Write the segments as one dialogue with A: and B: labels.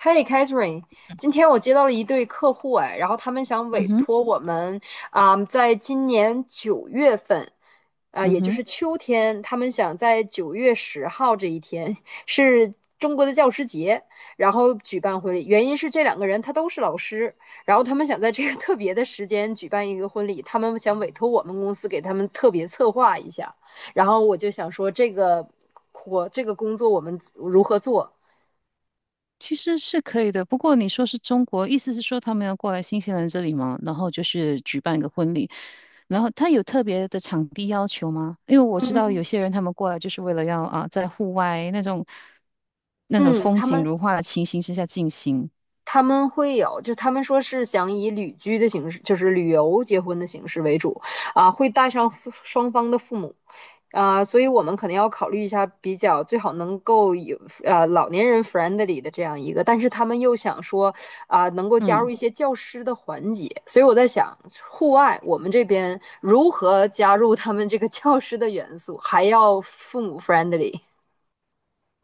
A: Hey Catherine，今天我接到了一对客户哎，然后他们想
B: 嗯
A: 委
B: 哼。
A: 托我们在今年9月份，
B: 嗯
A: 也就
B: 哼。
A: 是秋天，他们想在九月十号这一天是中国的教师节，然后举办婚礼。原因是这两个人他都是老师，然后他们想在这个特别的时间举办一个婚礼，他们想委托我们公司给他们特别策划一下。然后我就想说，这个活这个工作我们如何做？
B: 其实是可以的。不过你说是中国，意思是说他们要过来新西兰这里吗？然后就是举办一个婚礼，然后他有特别的场地要求吗？因为我知道有些人他们过来就是为了要啊，在户外那种
A: 嗯，
B: 风
A: 他
B: 景
A: 们
B: 如画的情形之下进行。
A: 他们会有，就他们说是想以旅居的形式，就是旅游结婚的形式为主，会带上父双方的父母，所以我们可能要考虑一下，比较最好能够有老年人 friendly 的这样一个，但是他们又想说能够加入
B: 嗯。
A: 一些教师的环节，所以我在想，户外我们这边如何加入他们这个 教师的元素，还要父母 friendly，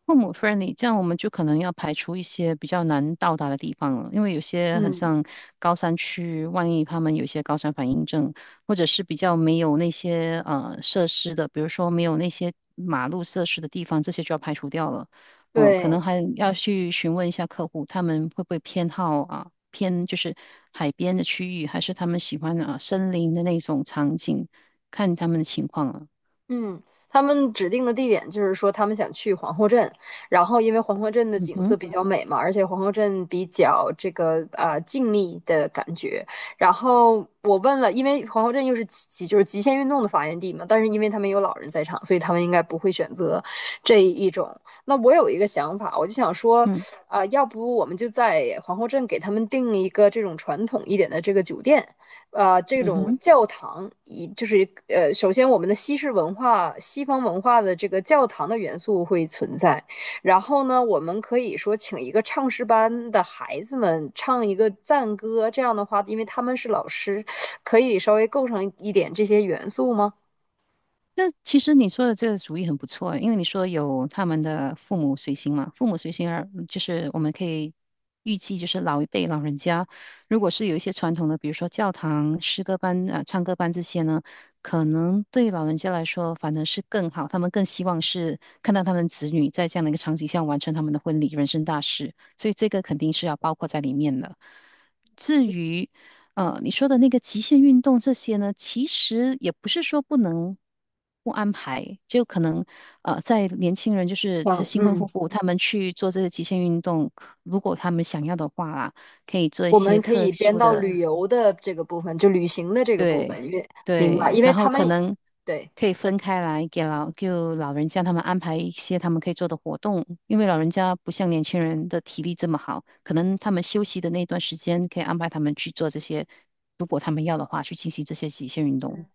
B: 父母 friendly，这样我们就可能要排除一些比较难到达的地方了，因为有些很
A: 嗯，
B: 像高山区，万一他们有一些高山反应症，或者是比较没有那些设施的，比如说没有那些马路设施的地方，这些就要排除掉了。嗯，可能
A: 对。
B: 还要去询问一下客户，他们会不会偏好啊偏就是海边的区域，还是他们喜欢啊森林的那种场景，看他们的情况了。
A: 嗯，他们指定的地点就是说他们想去皇后镇，然后因为皇后镇的
B: 嗯
A: 景色
B: 哼。
A: 比较美嘛，而且皇后镇比较这个静谧的感觉。然后我问了，因为皇后镇又是就是极限运动的发源地嘛，但是因为他们有老人在场，所以他们应该不会选择这一种。那我有一个想法，我就想说，
B: 嗯
A: 要不我们就在皇后镇给他们订一个这种传统一点的这个酒店。这
B: 嗯
A: 种
B: 哼。
A: 教堂以就是呃，首先我们的西式文化、西方文化的这个教堂的元素会存在，然后呢，我们可以说请一个唱诗班的孩子们唱一个赞歌，这样的话，因为他们是老师，可以稍微构成一点这些元素吗？
B: 那其实你说的这个主意很不错，因为你说有他们的父母随行嘛，父母随行而就是我们可以预计，就是老一辈老人家，如果是有一些传统的，比如说教堂、诗歌班、啊、唱歌班这些呢，可能对老人家来说反而是更好，他们更希望是看到他们子女在这样的一个场景下完成他们的婚礼、人生大事，所以这个肯定是要包括在里面的。至于你说的那个极限运动这些呢，其实也不是说不能不安排，就可能在年轻人就是这
A: 嗯
B: 新婚夫
A: 嗯，
B: 妇他们去做这些极限运动，如果他们想要的话啦，可以做一
A: 我
B: 些
A: 们可
B: 特
A: 以编
B: 殊
A: 到旅
B: 的
A: 游的这个部分，就旅行的这个部
B: 对。
A: 分，因为明白，
B: 对，
A: 因为
B: 然
A: 他
B: 后可
A: 们
B: 能
A: 对。
B: 可以分开来给老，就老人家他们安排一些他们可以做的活动，因为老人家不像年轻人的体力这么好，可能他们休息的那段时间可以安排他们去做这些，如果他们要的话，去进行这些极限运动。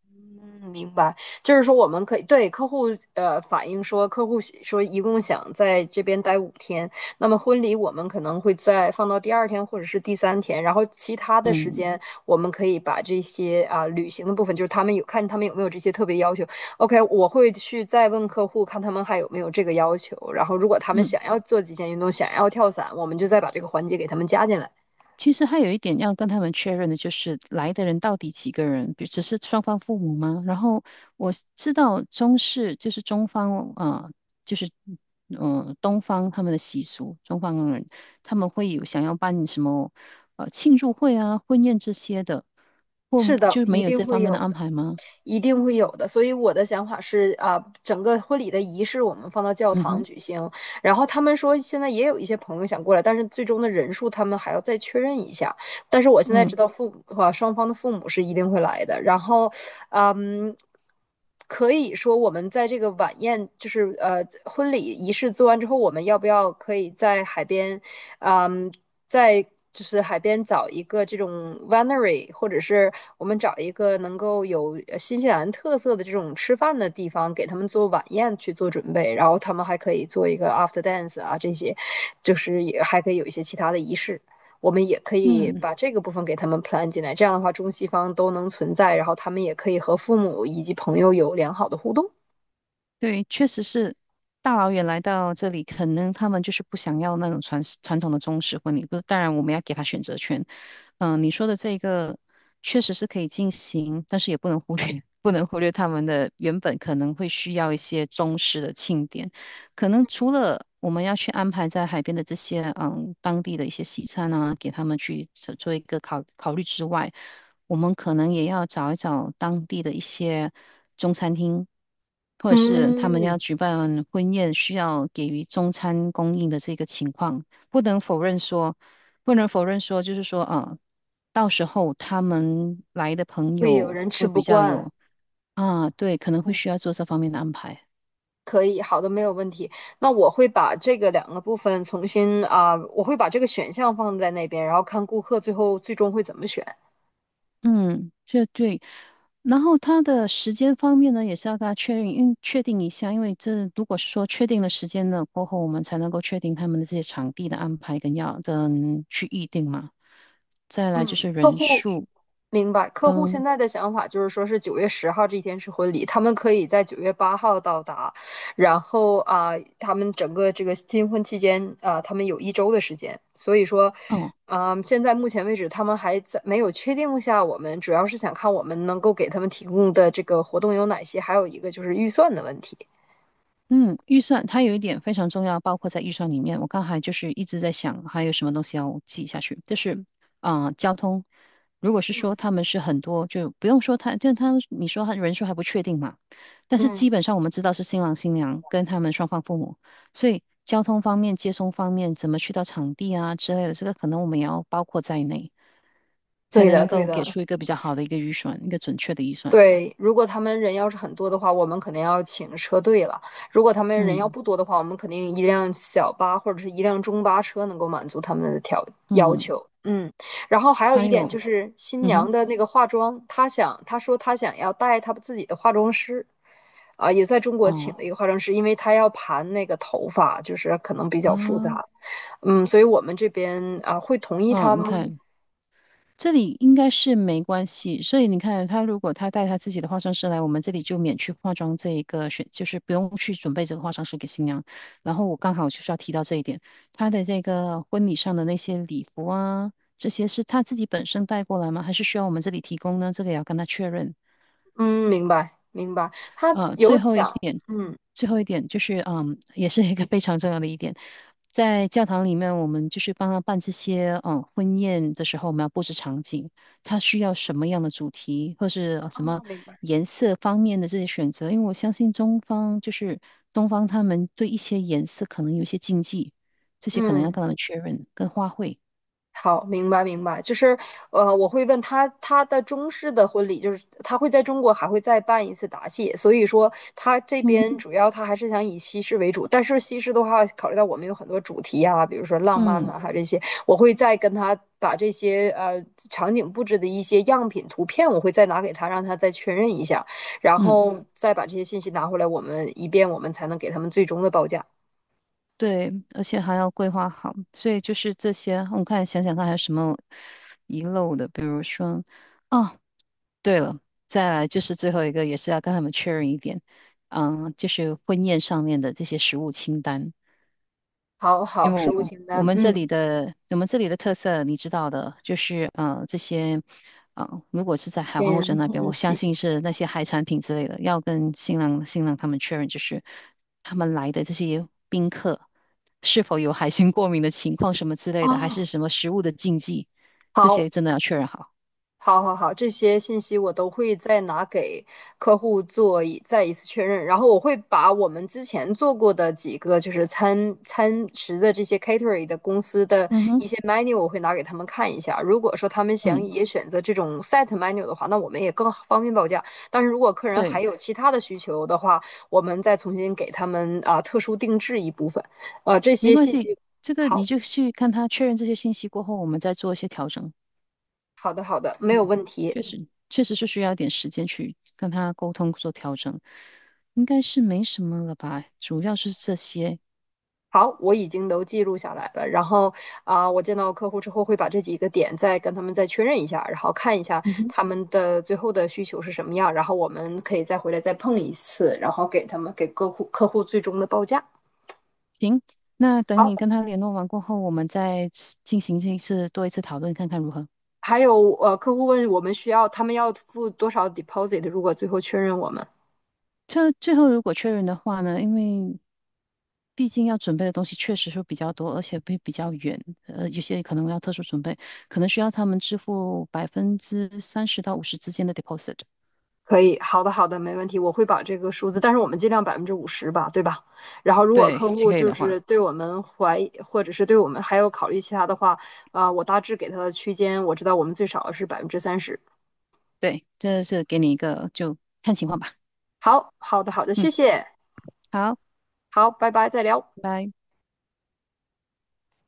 A: 嗯，明白，就是说我们可以对客户反映说，客户喜说一共想在这边待5天，那么婚礼我们可能会在放到第二天或者是第三天，然后其他的时
B: 嗯。
A: 间我们可以把这些旅行的部分，就是他们有看他们有没有这些特别要求。OK，我会去再问客户看他们还有没有这个要求，然后如果他们
B: 嗯。
A: 想要做极限运动，想要跳伞，我们就再把这个环节给他们加进来。
B: 其实还有一点要跟他们确认的，就是来的人到底几个人，比只是双方父母吗？然后我知道中式就是中方就是嗯、东方他们的习俗，中方人他们会有想要办什么庆祝会啊、婚宴这些的，或
A: 是的，
B: 就没
A: 一
B: 有
A: 定
B: 这
A: 会
B: 方面
A: 有
B: 的安
A: 的。
B: 排吗？
A: 一定会有的。所以我的想法是啊，整个婚礼的仪式我们放到教
B: 嗯
A: 堂
B: 哼。
A: 举行。然后他们说现在也有一些朋友想过来，但是最终的人数他们还要再确认一下。但是我现在知
B: 嗯。
A: 道父母啊，双方的父母是一定会来的。然后，啊嗯。可以说，我们在这个晚宴，就是婚礼仪式做完之后，我们要不要可以在海边，啊嗯，在就是海边找一个这种 winery，或者是我们找一个能够有新西兰特色的这种吃饭的地方，给他们做晚宴去做准备，然后他们还可以做一个 after dance 啊，这些就是也还可以有一些其他的仪式。我们也可以
B: 嗯。
A: 把这个部分给他们 plan 进来，这样的话中西方都能存在，然后他们也可以和父母以及朋友有良好的互动，
B: 对，确实是大老远来到这里，可能他们就是不想要那种传传统的中式婚礼。不是，当然我们要给他选择权。嗯，你说的这个确实是可以进行，但是也不能忽略，不能忽略他们的原本可能会需要一些中式的庆典。可能除了我们要去安排在海边的这些嗯当地的一些西餐啊，给他们去做做一个考考虑之外，我们可能也要找一找当地的一些中餐厅，或者是他们要
A: 嗯，
B: 举办婚宴需要给予中餐供应的这个情况，不能否认说，不能否认说，就是说啊，到时候他们来的朋
A: 会有
B: 友
A: 人吃
B: 会
A: 不
B: 比较
A: 惯。
B: 有啊。对，可能会需要做这方面的安排。
A: 可以，好的，没有问题。那我会把这个两个部分重新我会把这个选项放在那边，然后看顾客最后最终会怎么选。
B: 嗯，这对。然后他的时间方面呢，也是要跟他确认，因为确定一下，因为这如果是说确定了时间了过后，我们才能够确定他们的这些场地的安排跟要跟去预定嘛。再来就
A: 嗯，
B: 是
A: 客
B: 人
A: 户
B: 数
A: 明白，客户现
B: 跟，
A: 在的想法就是说是九月十号这一天是婚礼，他们可以在9月8日到达，然后他们整个这个新婚期间啊、他们有一周的时间，所以说，
B: 哦，
A: 现在目前为止他们还在没有确定下我们，主要是想看我们能够给他们提供的这个活动有哪些，还有一个就是预算的问题。
B: 嗯，预算它有一点非常重要，包括在预算里面。我刚才就是一直在想，还有什么东西要记下去，就是交通。如果是说
A: 嗯
B: 他们是很多，就不用说他，就他你说他人数还不确定嘛，但是
A: 嗯，
B: 基本上我们知道是新郎新娘跟他们双方父母，所以交通方面、接送方面，怎么去到场地啊之类的，这个可能我们也要包括在内，才
A: 对的，
B: 能
A: 对
B: 够给
A: 的。
B: 出一个比较好的一个预算，一个准确的预算。
A: 对，如果他们人要是很多的话，我们可能要请车队了；如果他们人要
B: 嗯。
A: 不多的话，我们肯定一辆小巴或者是一辆中巴车能够满足他们的要
B: 嗯。
A: 求。嗯，然后还有
B: 还
A: 一点就
B: 有。
A: 是新
B: 嗯哼。
A: 娘的那个化妆，她想她说她想要带她自己的化妆师，也在中国请
B: 哦。
A: 了一个化妆师，因为她要盘那个头发，就是可能比较复
B: 啊。
A: 杂。嗯，所以我们这边啊会同意她
B: 嗯，你
A: 吗？
B: 看这里应该是没关系，所以你看他如果他带他自己的化妆师来，我们这里就免去化妆这一个选，就是不用去准备这个化妆师给新娘。然后我刚好就是要提到这一点，他的这个婚礼上的那些礼服啊，这些是他自己本身带过来吗？还是需要我们这里提供呢？这个也要跟他确认。
A: 嗯，明白明白，她有
B: 最后一
A: 讲，
B: 点。
A: 嗯。
B: 最后一点就是，嗯，也是一个非常重要的一点，在教堂里面，我们就是帮他办这些，嗯，婚宴的时候，我们要布置场景，他需要什么样的主题，或是什么
A: 哦，明白。
B: 颜色方面的这些选择，因为我相信中方就是东方，他们对一些颜色可能有一些禁忌，这些可能要
A: 嗯，
B: 跟他们确认，跟花卉，
A: 好，明白明白，就是我会问他他的中式的婚礼，就是他会在中国还会再办一次答谢，所以说他这
B: 嗯
A: 边
B: 哼。
A: 主要他还是想以西式为主，但是西式的话，考虑到我们有很多主题啊，比如说浪漫
B: 嗯。
A: 呐、还有这些，我会再跟他把这些场景布置的一些样品图片，我会再拿给他，让他再确认一下，然
B: 嗯。
A: 后再把这些信息拿回来，我们以便我们才能给他们最终的报价。
B: 对，而且还要规划好，所以就是这些。我看想想看还有什么遗漏的，比如说，哦，对了，再来就是最后一个，也是要跟他们确认一点，嗯，就是婚宴上面的这些食物清单。
A: 好
B: 因
A: 好，
B: 为我
A: 实物
B: 们
A: 清
B: 我
A: 单，
B: 们这
A: 嗯，
B: 里的我们这里的特色你知道的，就是这些，如果是在海皇欧洲
A: 先
B: 那边，
A: 分
B: 我相
A: 析。
B: 信是那些海产品之类的，要跟新郎他们确认，就是他们来的这些宾客是否有海鲜过敏的情况什么之类的，还
A: 哦，
B: 是什么食物的禁忌，这
A: 好，
B: 些真的要确认好。
A: 好，好，好，这些信息我都会再拿给客户做再一次确认，然后我会把我们之前做过的几个就是餐食的这些 catering 的公司的
B: 嗯哼。
A: 一些 menu，我会拿给他们看一下。如果说他们想
B: 嗯。
A: 也选择这种 set menu 的话，那我们也更方便报价。但是如果客人还
B: 对，
A: 有其他的需求的话，我们再重新给他们特殊定制一部分。这
B: 没
A: 些
B: 关
A: 信
B: 系，
A: 息，
B: 这个
A: 好，
B: 你就去看他确认这些信息过后，我们再做一些调整。
A: 好的，好的，没有
B: 嗯，
A: 问题。
B: 确实，确实是需要一点时间去跟他沟通做调整，应该是没什么了吧，主要是这些。
A: 好，我已经都记录下来了。然后我见到客户之后会把这几个点再跟他们再确认一下，然后看一下
B: 嗯哼。
A: 他们的最后的需求是什么样，然后我们可以再回来再碰一次，然后给他们给客户最终的报价。
B: 行，那等
A: 好，
B: 你跟他联络完过后，我们再次进行这一次多一次讨论，看看如何。
A: 还有客户问我们需要他们要付多少 deposit，如果最后确认我们。
B: 这最后如果确认的话呢，因为毕竟要准备的东西确实是比较多，而且会比较远，有些可能要特殊准备，可能需要他们支付30%到50之间的 deposit。
A: 可以，好的，好的，没问题，我会把这个数字，但是我们尽量50%吧，对吧？然后如果
B: 对，
A: 客户
B: 可以
A: 就
B: 的
A: 是
B: 话。
A: 对我们怀疑，或者是对我们还有考虑其他的话，我大致给他的区间，我知道我们最少是30%。
B: 对，这是给你一个，就看情况吧。
A: 好，好的，好的，谢
B: 嗯，
A: 谢，
B: 好，
A: 好，拜拜，再聊。
B: 拜拜。